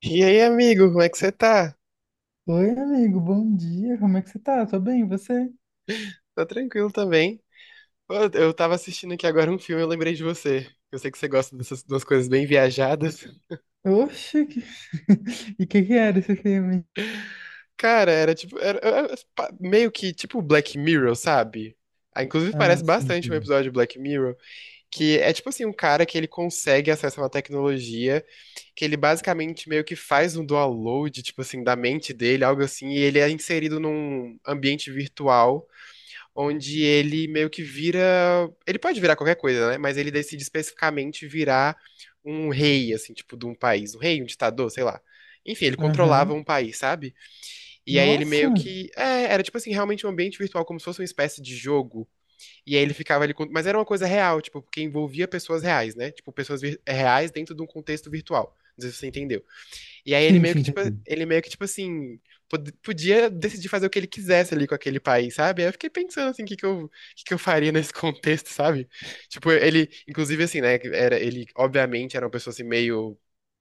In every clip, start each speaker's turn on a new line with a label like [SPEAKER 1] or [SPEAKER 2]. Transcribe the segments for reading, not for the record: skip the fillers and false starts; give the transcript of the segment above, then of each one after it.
[SPEAKER 1] E aí, amigo, como é que você tá?
[SPEAKER 2] Oi, amigo, bom dia. Como é que você tá? Tô bem, e você?
[SPEAKER 1] Tá tranquilo também? Pô, eu tava assistindo aqui agora um filme, eu lembrei de você. Eu sei que você gosta dessas duas coisas bem viajadas.
[SPEAKER 2] Oxe, que... e o que era esse filme?
[SPEAKER 1] Cara, era tipo, meio que tipo Black Mirror, sabe? Ah, inclusive
[SPEAKER 2] Ah,
[SPEAKER 1] parece
[SPEAKER 2] sim,
[SPEAKER 1] bastante um
[SPEAKER 2] sim.
[SPEAKER 1] episódio de Black Mirror, que é tipo assim, um cara que ele consegue acesso a uma tecnologia, que ele basicamente meio que faz um download, tipo assim, da mente dele, algo assim, e ele é inserido num ambiente virtual onde ele meio que vira. Ele pode virar qualquer coisa, né? Mas ele decide especificamente virar um rei, assim, tipo, de um país. Um rei, um ditador, sei lá. Enfim, ele controlava
[SPEAKER 2] Aham.
[SPEAKER 1] um país, sabe? E aí ele
[SPEAKER 2] Nossa!
[SPEAKER 1] meio que. É, era tipo assim, realmente um ambiente virtual, como se fosse uma espécie de jogo. E aí ele ficava ali. Mas era uma coisa real, tipo, porque envolvia pessoas reais, né? Tipo, reais dentro de um contexto virtual. Não sei se você entendeu. E aí ele
[SPEAKER 2] Sim,
[SPEAKER 1] meio
[SPEAKER 2] sim,
[SPEAKER 1] que, tipo,
[SPEAKER 2] entendi.
[SPEAKER 1] ele meio que, tipo assim, podia decidir fazer o que ele quisesse ali com aquele país, sabe? Aí eu fiquei pensando, assim, o que que eu faria nesse contexto, sabe? Tipo, ele, inclusive, assim, né, era, ele, obviamente, era uma pessoa, assim, meio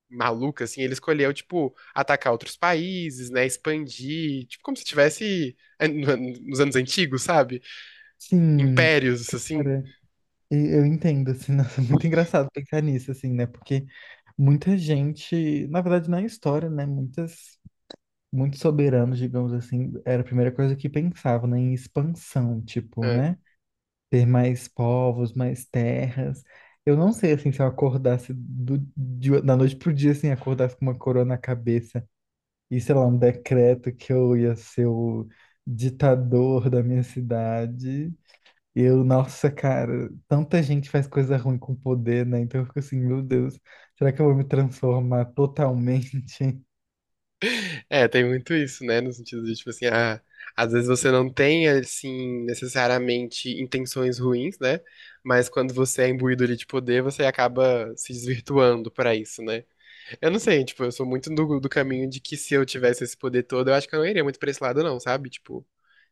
[SPEAKER 1] maluca, assim, ele escolheu, tipo, atacar outros países, né, expandir, tipo, como se tivesse nos anos antigos, sabe?
[SPEAKER 2] Sim,
[SPEAKER 1] Impérios, assim.
[SPEAKER 2] cara, eu entendo, assim, nossa, muito engraçado pensar nisso, assim, né? Porque muita gente, na verdade, na história, né? Muitas, muitos soberanos, digamos assim, era a primeira coisa que pensavam, né? Em expansão, tipo,
[SPEAKER 1] É.
[SPEAKER 2] né? Ter mais povos, mais terras. Eu não sei, assim, se eu acordasse da noite pro dia, assim, acordasse com uma coroa na cabeça e, sei lá, um decreto que eu ia ser o ditador da minha cidade. Eu, nossa, cara, tanta gente faz coisa ruim com poder, né? Então eu fico assim, meu Deus, será que eu vou me transformar totalmente?
[SPEAKER 1] É, tem muito isso, né? No sentido de, tipo assim, ah, às vezes você não tem, assim, necessariamente intenções ruins, né? Mas quando você é imbuído ali de poder, você acaba se desvirtuando pra isso, né? Eu não sei, tipo, eu sou muito do caminho de que se eu tivesse esse poder todo, eu acho que eu não iria muito pra esse lado, não, sabe? Tipo,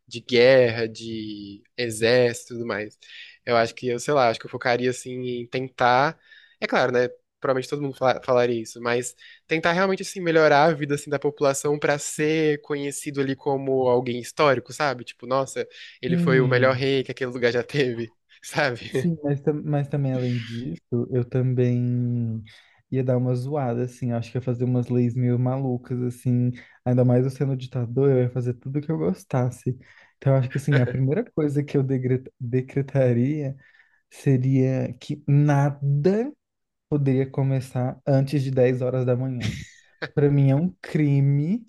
[SPEAKER 1] de guerra, de exército e tudo mais. Eu acho que eu, sei lá, acho que eu focaria assim em tentar. É claro, né? Provavelmente todo mundo falaria isso, mas tentar realmente assim melhorar a vida assim da população pra ser conhecido ali como alguém histórico, sabe? Tipo, nossa, ele foi o melhor
[SPEAKER 2] Hum.
[SPEAKER 1] rei que aquele lugar já teve, sabe?
[SPEAKER 2] Sim, mas, mas também além disso, eu também ia dar uma zoada, assim, acho que ia fazer umas leis meio malucas, assim, ainda mais eu sendo ditador, eu ia fazer tudo que eu gostasse. Então, eu acho que, assim, a primeira coisa que eu decretaria seria que nada poderia começar antes de 10 horas da manhã. Para mim é um crime,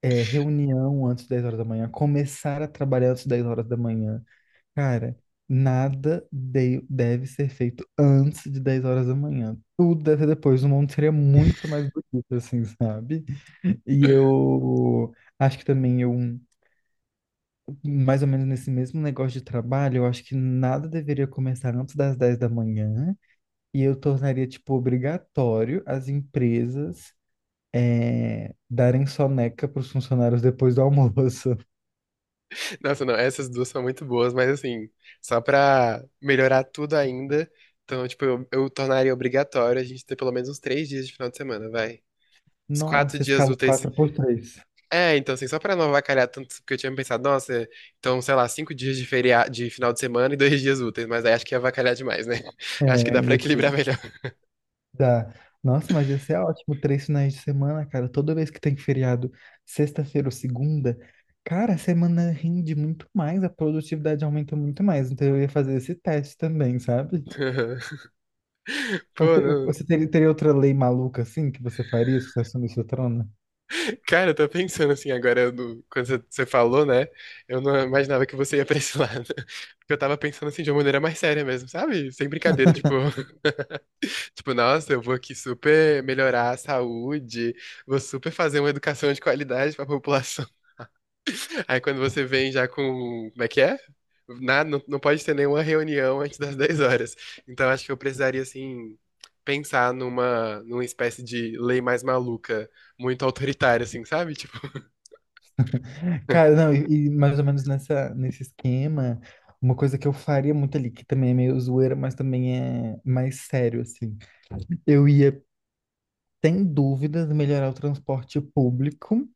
[SPEAKER 2] é, reunião antes de 10 horas da manhã, começar a trabalhar antes de 10 horas da manhã. Cara, nada deve ser feito antes de 10 horas da manhã. Tudo deve ser depois. O mundo seria muito mais bonito, assim, sabe? E eu acho que também eu, mais ou menos nesse mesmo negócio de trabalho, eu acho que nada deveria começar antes das 10 da manhã. E eu tornaria, tipo, obrigatório as empresas darem soneca para os funcionários depois do almoço.
[SPEAKER 1] Nossa, não, essas duas são muito boas, mas assim, só pra melhorar tudo ainda, então, tipo, eu tornaria obrigatório a gente ter pelo menos uns três dias de final de semana, vai. Uns quatro
[SPEAKER 2] Nossa,
[SPEAKER 1] dias
[SPEAKER 2] escala
[SPEAKER 1] úteis.
[SPEAKER 2] 4x3.
[SPEAKER 1] É, então, assim, só pra não avacalhar tanto, porque eu tinha pensado, nossa, então, sei lá, cinco dias de feriado, de final de semana e dois dias úteis, mas aí acho que ia avacalhar demais, né? Acho que
[SPEAKER 2] É,
[SPEAKER 1] dá pra equilibrar
[SPEAKER 2] isso.
[SPEAKER 1] melhor.
[SPEAKER 2] Dá. Nossa, mas ia ser ótimo, três finais de semana, cara. Toda vez que tem feriado, sexta-feira ou segunda, cara, a semana rende muito mais, a produtividade aumenta muito mais. Então eu ia fazer esse teste também, sabe?
[SPEAKER 1] Pô, não.
[SPEAKER 2] Você teria, teria outra lei maluca assim que você faria se você assumisse seu trono?
[SPEAKER 1] Cara, eu tô pensando assim agora, quando você falou, né? Eu não imaginava que você ia pra esse lado. Porque eu tava pensando assim de uma maneira mais séria mesmo, sabe? Sem brincadeira, tipo. Tipo, nossa, eu vou aqui super melhorar a saúde, vou super fazer uma educação de qualidade pra população. Aí quando você vem já com. Como é que é? Nada, não, não pode ter nenhuma reunião antes das 10 horas. Então acho que eu precisaria, assim, pensar numa espécie de lei mais maluca, muito autoritária, assim, sabe? Tipo.
[SPEAKER 2] Cara, não, e mais ou menos nessa, nesse esquema, uma coisa que eu faria muito ali, que também é meio zoeira, mas também é mais sério, assim. Eu ia, sem dúvidas, melhorar o transporte público.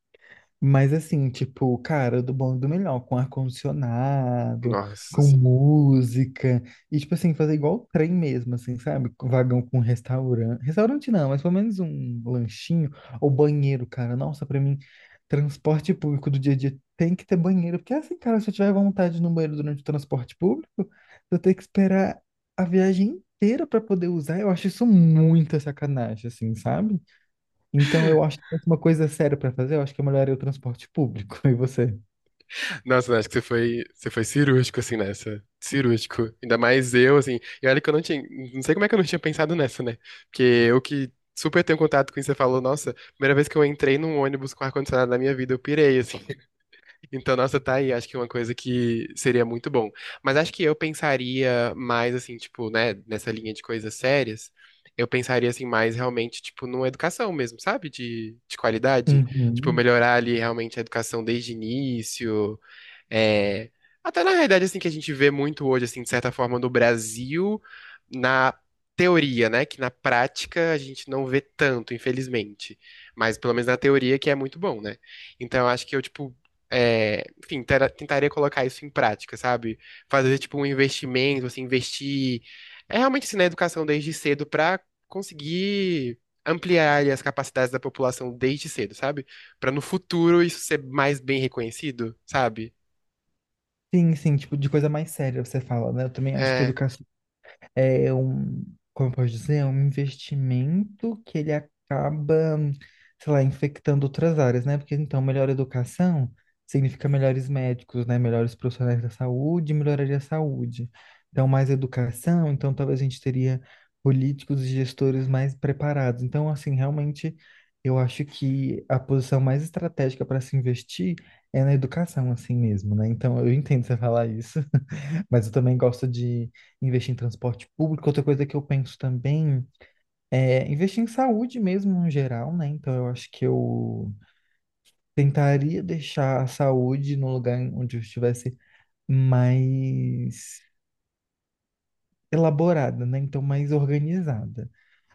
[SPEAKER 2] Mas assim, tipo, cara, do bom e do melhor, com ar-condicionado,
[SPEAKER 1] Nossa,
[SPEAKER 2] com
[SPEAKER 1] assim.
[SPEAKER 2] música, e tipo assim, fazer igual o trem mesmo, assim, sabe? Com vagão com restaurante. Restaurante não, mas pelo menos um lanchinho ou banheiro, cara. Nossa, pra mim, transporte público do dia a dia tem que ter banheiro, porque assim, cara, se eu tiver vontade de ir no banheiro durante o transporte público, eu tenho que esperar a viagem inteira pra poder usar. Eu acho isso muita sacanagem, assim, sabe? Então, eu acho que se fosse uma coisa séria pra fazer, eu acho que é melhoraria o transporte público. E você?
[SPEAKER 1] Nossa, acho que você foi cirúrgico, assim, nessa. Cirúrgico. Ainda mais eu, assim. E olha que eu não tinha. Não sei como é que eu não tinha pensado nessa, né? Porque eu que super tenho contato com isso, você falou, nossa, primeira vez que eu entrei num ônibus com ar-condicionado na minha vida, eu pirei, assim. Então, nossa, tá aí. Acho que é uma coisa que seria muito bom. Mas acho que eu pensaria mais, assim, tipo, né, nessa linha de coisas sérias. Eu pensaria, assim, mais realmente, tipo, numa educação mesmo, sabe? De qualidade. Tipo,
[SPEAKER 2] Uhum.
[SPEAKER 1] melhorar ali realmente a educação desde o início. É, até na realidade, assim, que a gente vê muito hoje, assim, de certa forma, no Brasil, na teoria, né? Que na prática a gente não vê tanto, infelizmente. Mas pelo menos na teoria que é muito bom, né? Então eu acho que eu, tipo, é, enfim, tentaria colocar isso em prática, sabe? Fazer, tipo, um investimento, assim, investir é realmente assim, na educação desde cedo pra conseguir ampliar ali, as capacidades da população desde cedo, sabe? Pra no futuro isso ser mais bem reconhecido, sabe?
[SPEAKER 2] Sim, sim, tipo, de coisa mais séria você fala, né? Eu também acho que
[SPEAKER 1] É.
[SPEAKER 2] educação é um, como eu posso dizer, é um investimento que ele acaba, sei lá, infectando outras áreas, né? Porque então melhor educação significa melhores médicos, né? Melhores profissionais da saúde, melhoraria a saúde. Então mais educação, então talvez a gente teria políticos e gestores mais preparados. Então assim, realmente eu acho que a posição mais estratégica para se investir é na educação assim mesmo, né? Então eu entendo você falar isso. Mas eu também gosto de investir em transporte público. Outra coisa que eu penso também é investir em saúde mesmo, no geral, né? Então eu acho que eu tentaria deixar a saúde no lugar onde eu estivesse mais elaborada, né? Então mais organizada.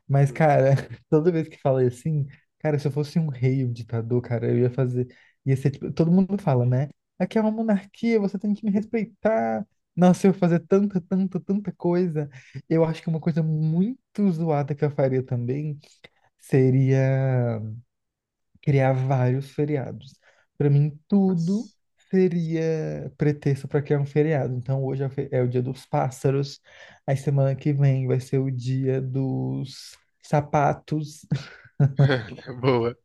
[SPEAKER 2] Mas,
[SPEAKER 1] Hum,
[SPEAKER 2] cara, toda vez que fala assim, cara, se eu fosse um rei, um ditador, cara, eu ia fazer. Ia ser tipo. Todo mundo fala, né? Aqui é uma monarquia, você tem que me respeitar. Nossa, eu ia fazer tanta, tanta, tanta coisa. Eu acho que uma coisa muito zoada que eu faria também seria criar vários feriados. Para mim, tudo
[SPEAKER 1] nossa. Sim.
[SPEAKER 2] seria pretexto para criar um feriado. Então, hoje é o é o dia dos pássaros, aí semana que vem vai ser o dia dos sapatos.
[SPEAKER 1] Boa.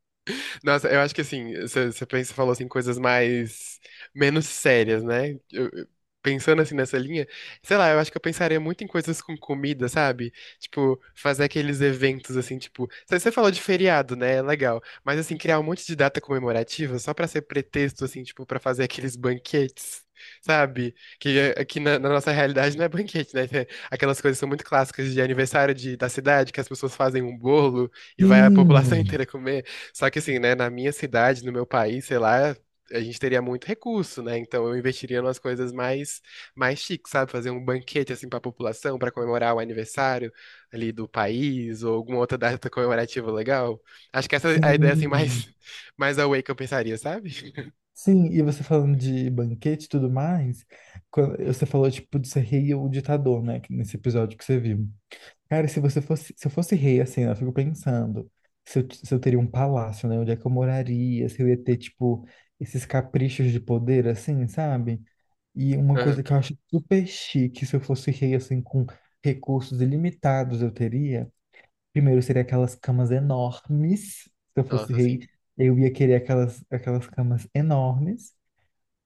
[SPEAKER 1] Nossa, eu acho que assim, você pensa, falou assim, coisas mais menos sérias, né? Pensando assim nessa linha, sei lá, eu acho que eu pensaria muito em coisas com comida, sabe? Tipo, fazer aqueles eventos assim, tipo, você falou de feriado, né? É legal. Mas assim, criar um monte de data comemorativa só pra ser pretexto assim, tipo, pra fazer aqueles banquetes. Sabe? Aqui na nossa realidade não é banquete, né? É, aquelas coisas que são muito clássicas de aniversário da cidade, que as pessoas fazem um bolo e vai a população
[SPEAKER 2] Sim,
[SPEAKER 1] inteira comer. Só que assim, né, na minha cidade, no meu país, sei lá, a gente teria muito recurso, né? Então eu investiria nas coisas mais chiques, sabe? Fazer um banquete assim para a população para comemorar o aniversário ali do país ou alguma outra data comemorativa legal. Acho que essa é a ideia assim
[SPEAKER 2] sim,
[SPEAKER 1] mais mais away que eu pensaria, sabe?
[SPEAKER 2] sim. E você falando de banquete e tudo mais, quando você falou tipo de ser rei ou ditador, né? Nesse episódio que você viu. Cara, se você fosse, se eu fosse rei, assim, né, eu fico pensando se eu teria um palácio, né? Onde é que eu moraria? Se eu ia ter, tipo, esses caprichos de poder, assim, sabe? E uma coisa
[SPEAKER 1] Aham.
[SPEAKER 2] que eu acho super chique, se eu fosse rei, assim, com recursos ilimitados, eu teria. Primeiro, seria aquelas camas enormes. Se eu fosse
[SPEAKER 1] Nossa,
[SPEAKER 2] rei,
[SPEAKER 1] assim.
[SPEAKER 2] eu ia querer aquelas camas enormes.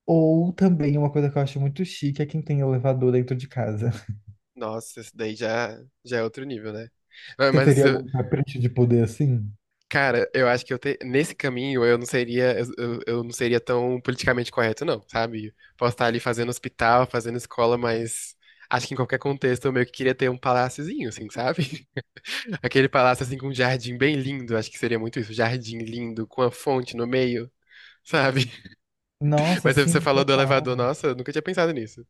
[SPEAKER 2] Ou também uma coisa que eu acho muito chique é quem tem elevador dentro de casa.
[SPEAKER 1] Nossa, isso daí já é outro nível, né? Ah,
[SPEAKER 2] Você
[SPEAKER 1] mas
[SPEAKER 2] teria
[SPEAKER 1] assim,
[SPEAKER 2] algum capricho de poder assim?
[SPEAKER 1] cara, eu acho que nesse caminho eu não seria eu não seria tão politicamente correto, não, sabe? Posso estar ali fazendo hospital, fazendo escola, mas acho que em qualquer contexto eu meio que queria ter um paláciozinho, assim, sabe? Aquele palácio assim com um jardim bem lindo, acho que seria muito isso, jardim lindo com a fonte no meio, sabe?
[SPEAKER 2] Nossa,
[SPEAKER 1] Mas você
[SPEAKER 2] sim,
[SPEAKER 1] falou do elevador,
[SPEAKER 2] total.
[SPEAKER 1] nossa, eu nunca tinha pensado nisso.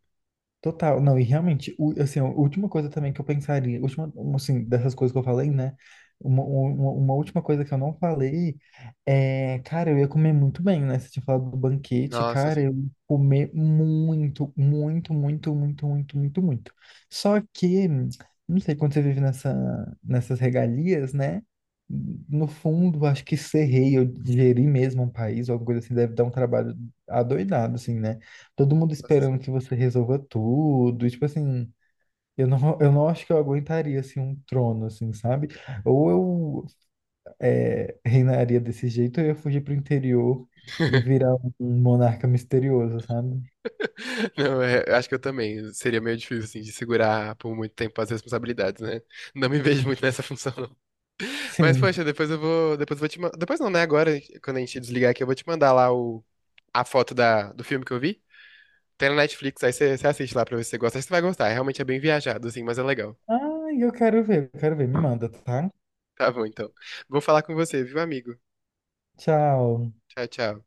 [SPEAKER 2] Total. Não, e realmente, assim, a última coisa também que eu pensaria, última, um, assim, dessas coisas que eu falei, né? Uma última coisa que eu não falei é, cara, eu ia comer muito bem, né? Você tinha falado do banquete,
[SPEAKER 1] Nossa,
[SPEAKER 2] cara,
[SPEAKER 1] assim.
[SPEAKER 2] eu ia comer muito, muito, muito, muito, muito, muito, muito. Só que, não sei, quando você vive nessa, nessas regalias, né? No fundo, acho que ser rei ou gerir mesmo um país, ou alguma coisa assim, deve dar um trabalho adoidado, assim, né? Todo mundo
[SPEAKER 1] Nossa, assim.
[SPEAKER 2] esperando que você resolva tudo. E, tipo assim, eu não acho que eu aguentaria, assim, um trono, assim, sabe? Ou eu é, reinaria desse jeito, ou eu ia fugir pro interior e virar um monarca misterioso, sabe?
[SPEAKER 1] Não, é, eu acho que eu também. Seria meio difícil, assim, de segurar por muito tempo as responsabilidades, né? Não me vejo muito nessa função. Mas,
[SPEAKER 2] Sim.
[SPEAKER 1] poxa, depois eu vou. Depois eu vou te mandar. Depois não, né? Agora, quando a gente desligar aqui, eu vou te mandar lá o... a foto da... do filme que eu vi. Tem na Netflix, aí você assiste lá pra ver se você gosta. Acho que você vai gostar. É realmente é bem viajado, assim, mas é legal.
[SPEAKER 2] Ai, eu quero ver, eu quero ver. Me manda, tá?
[SPEAKER 1] Tá bom, então. Vou falar com você, viu, amigo?
[SPEAKER 2] Tchau.
[SPEAKER 1] Tchau, tchau.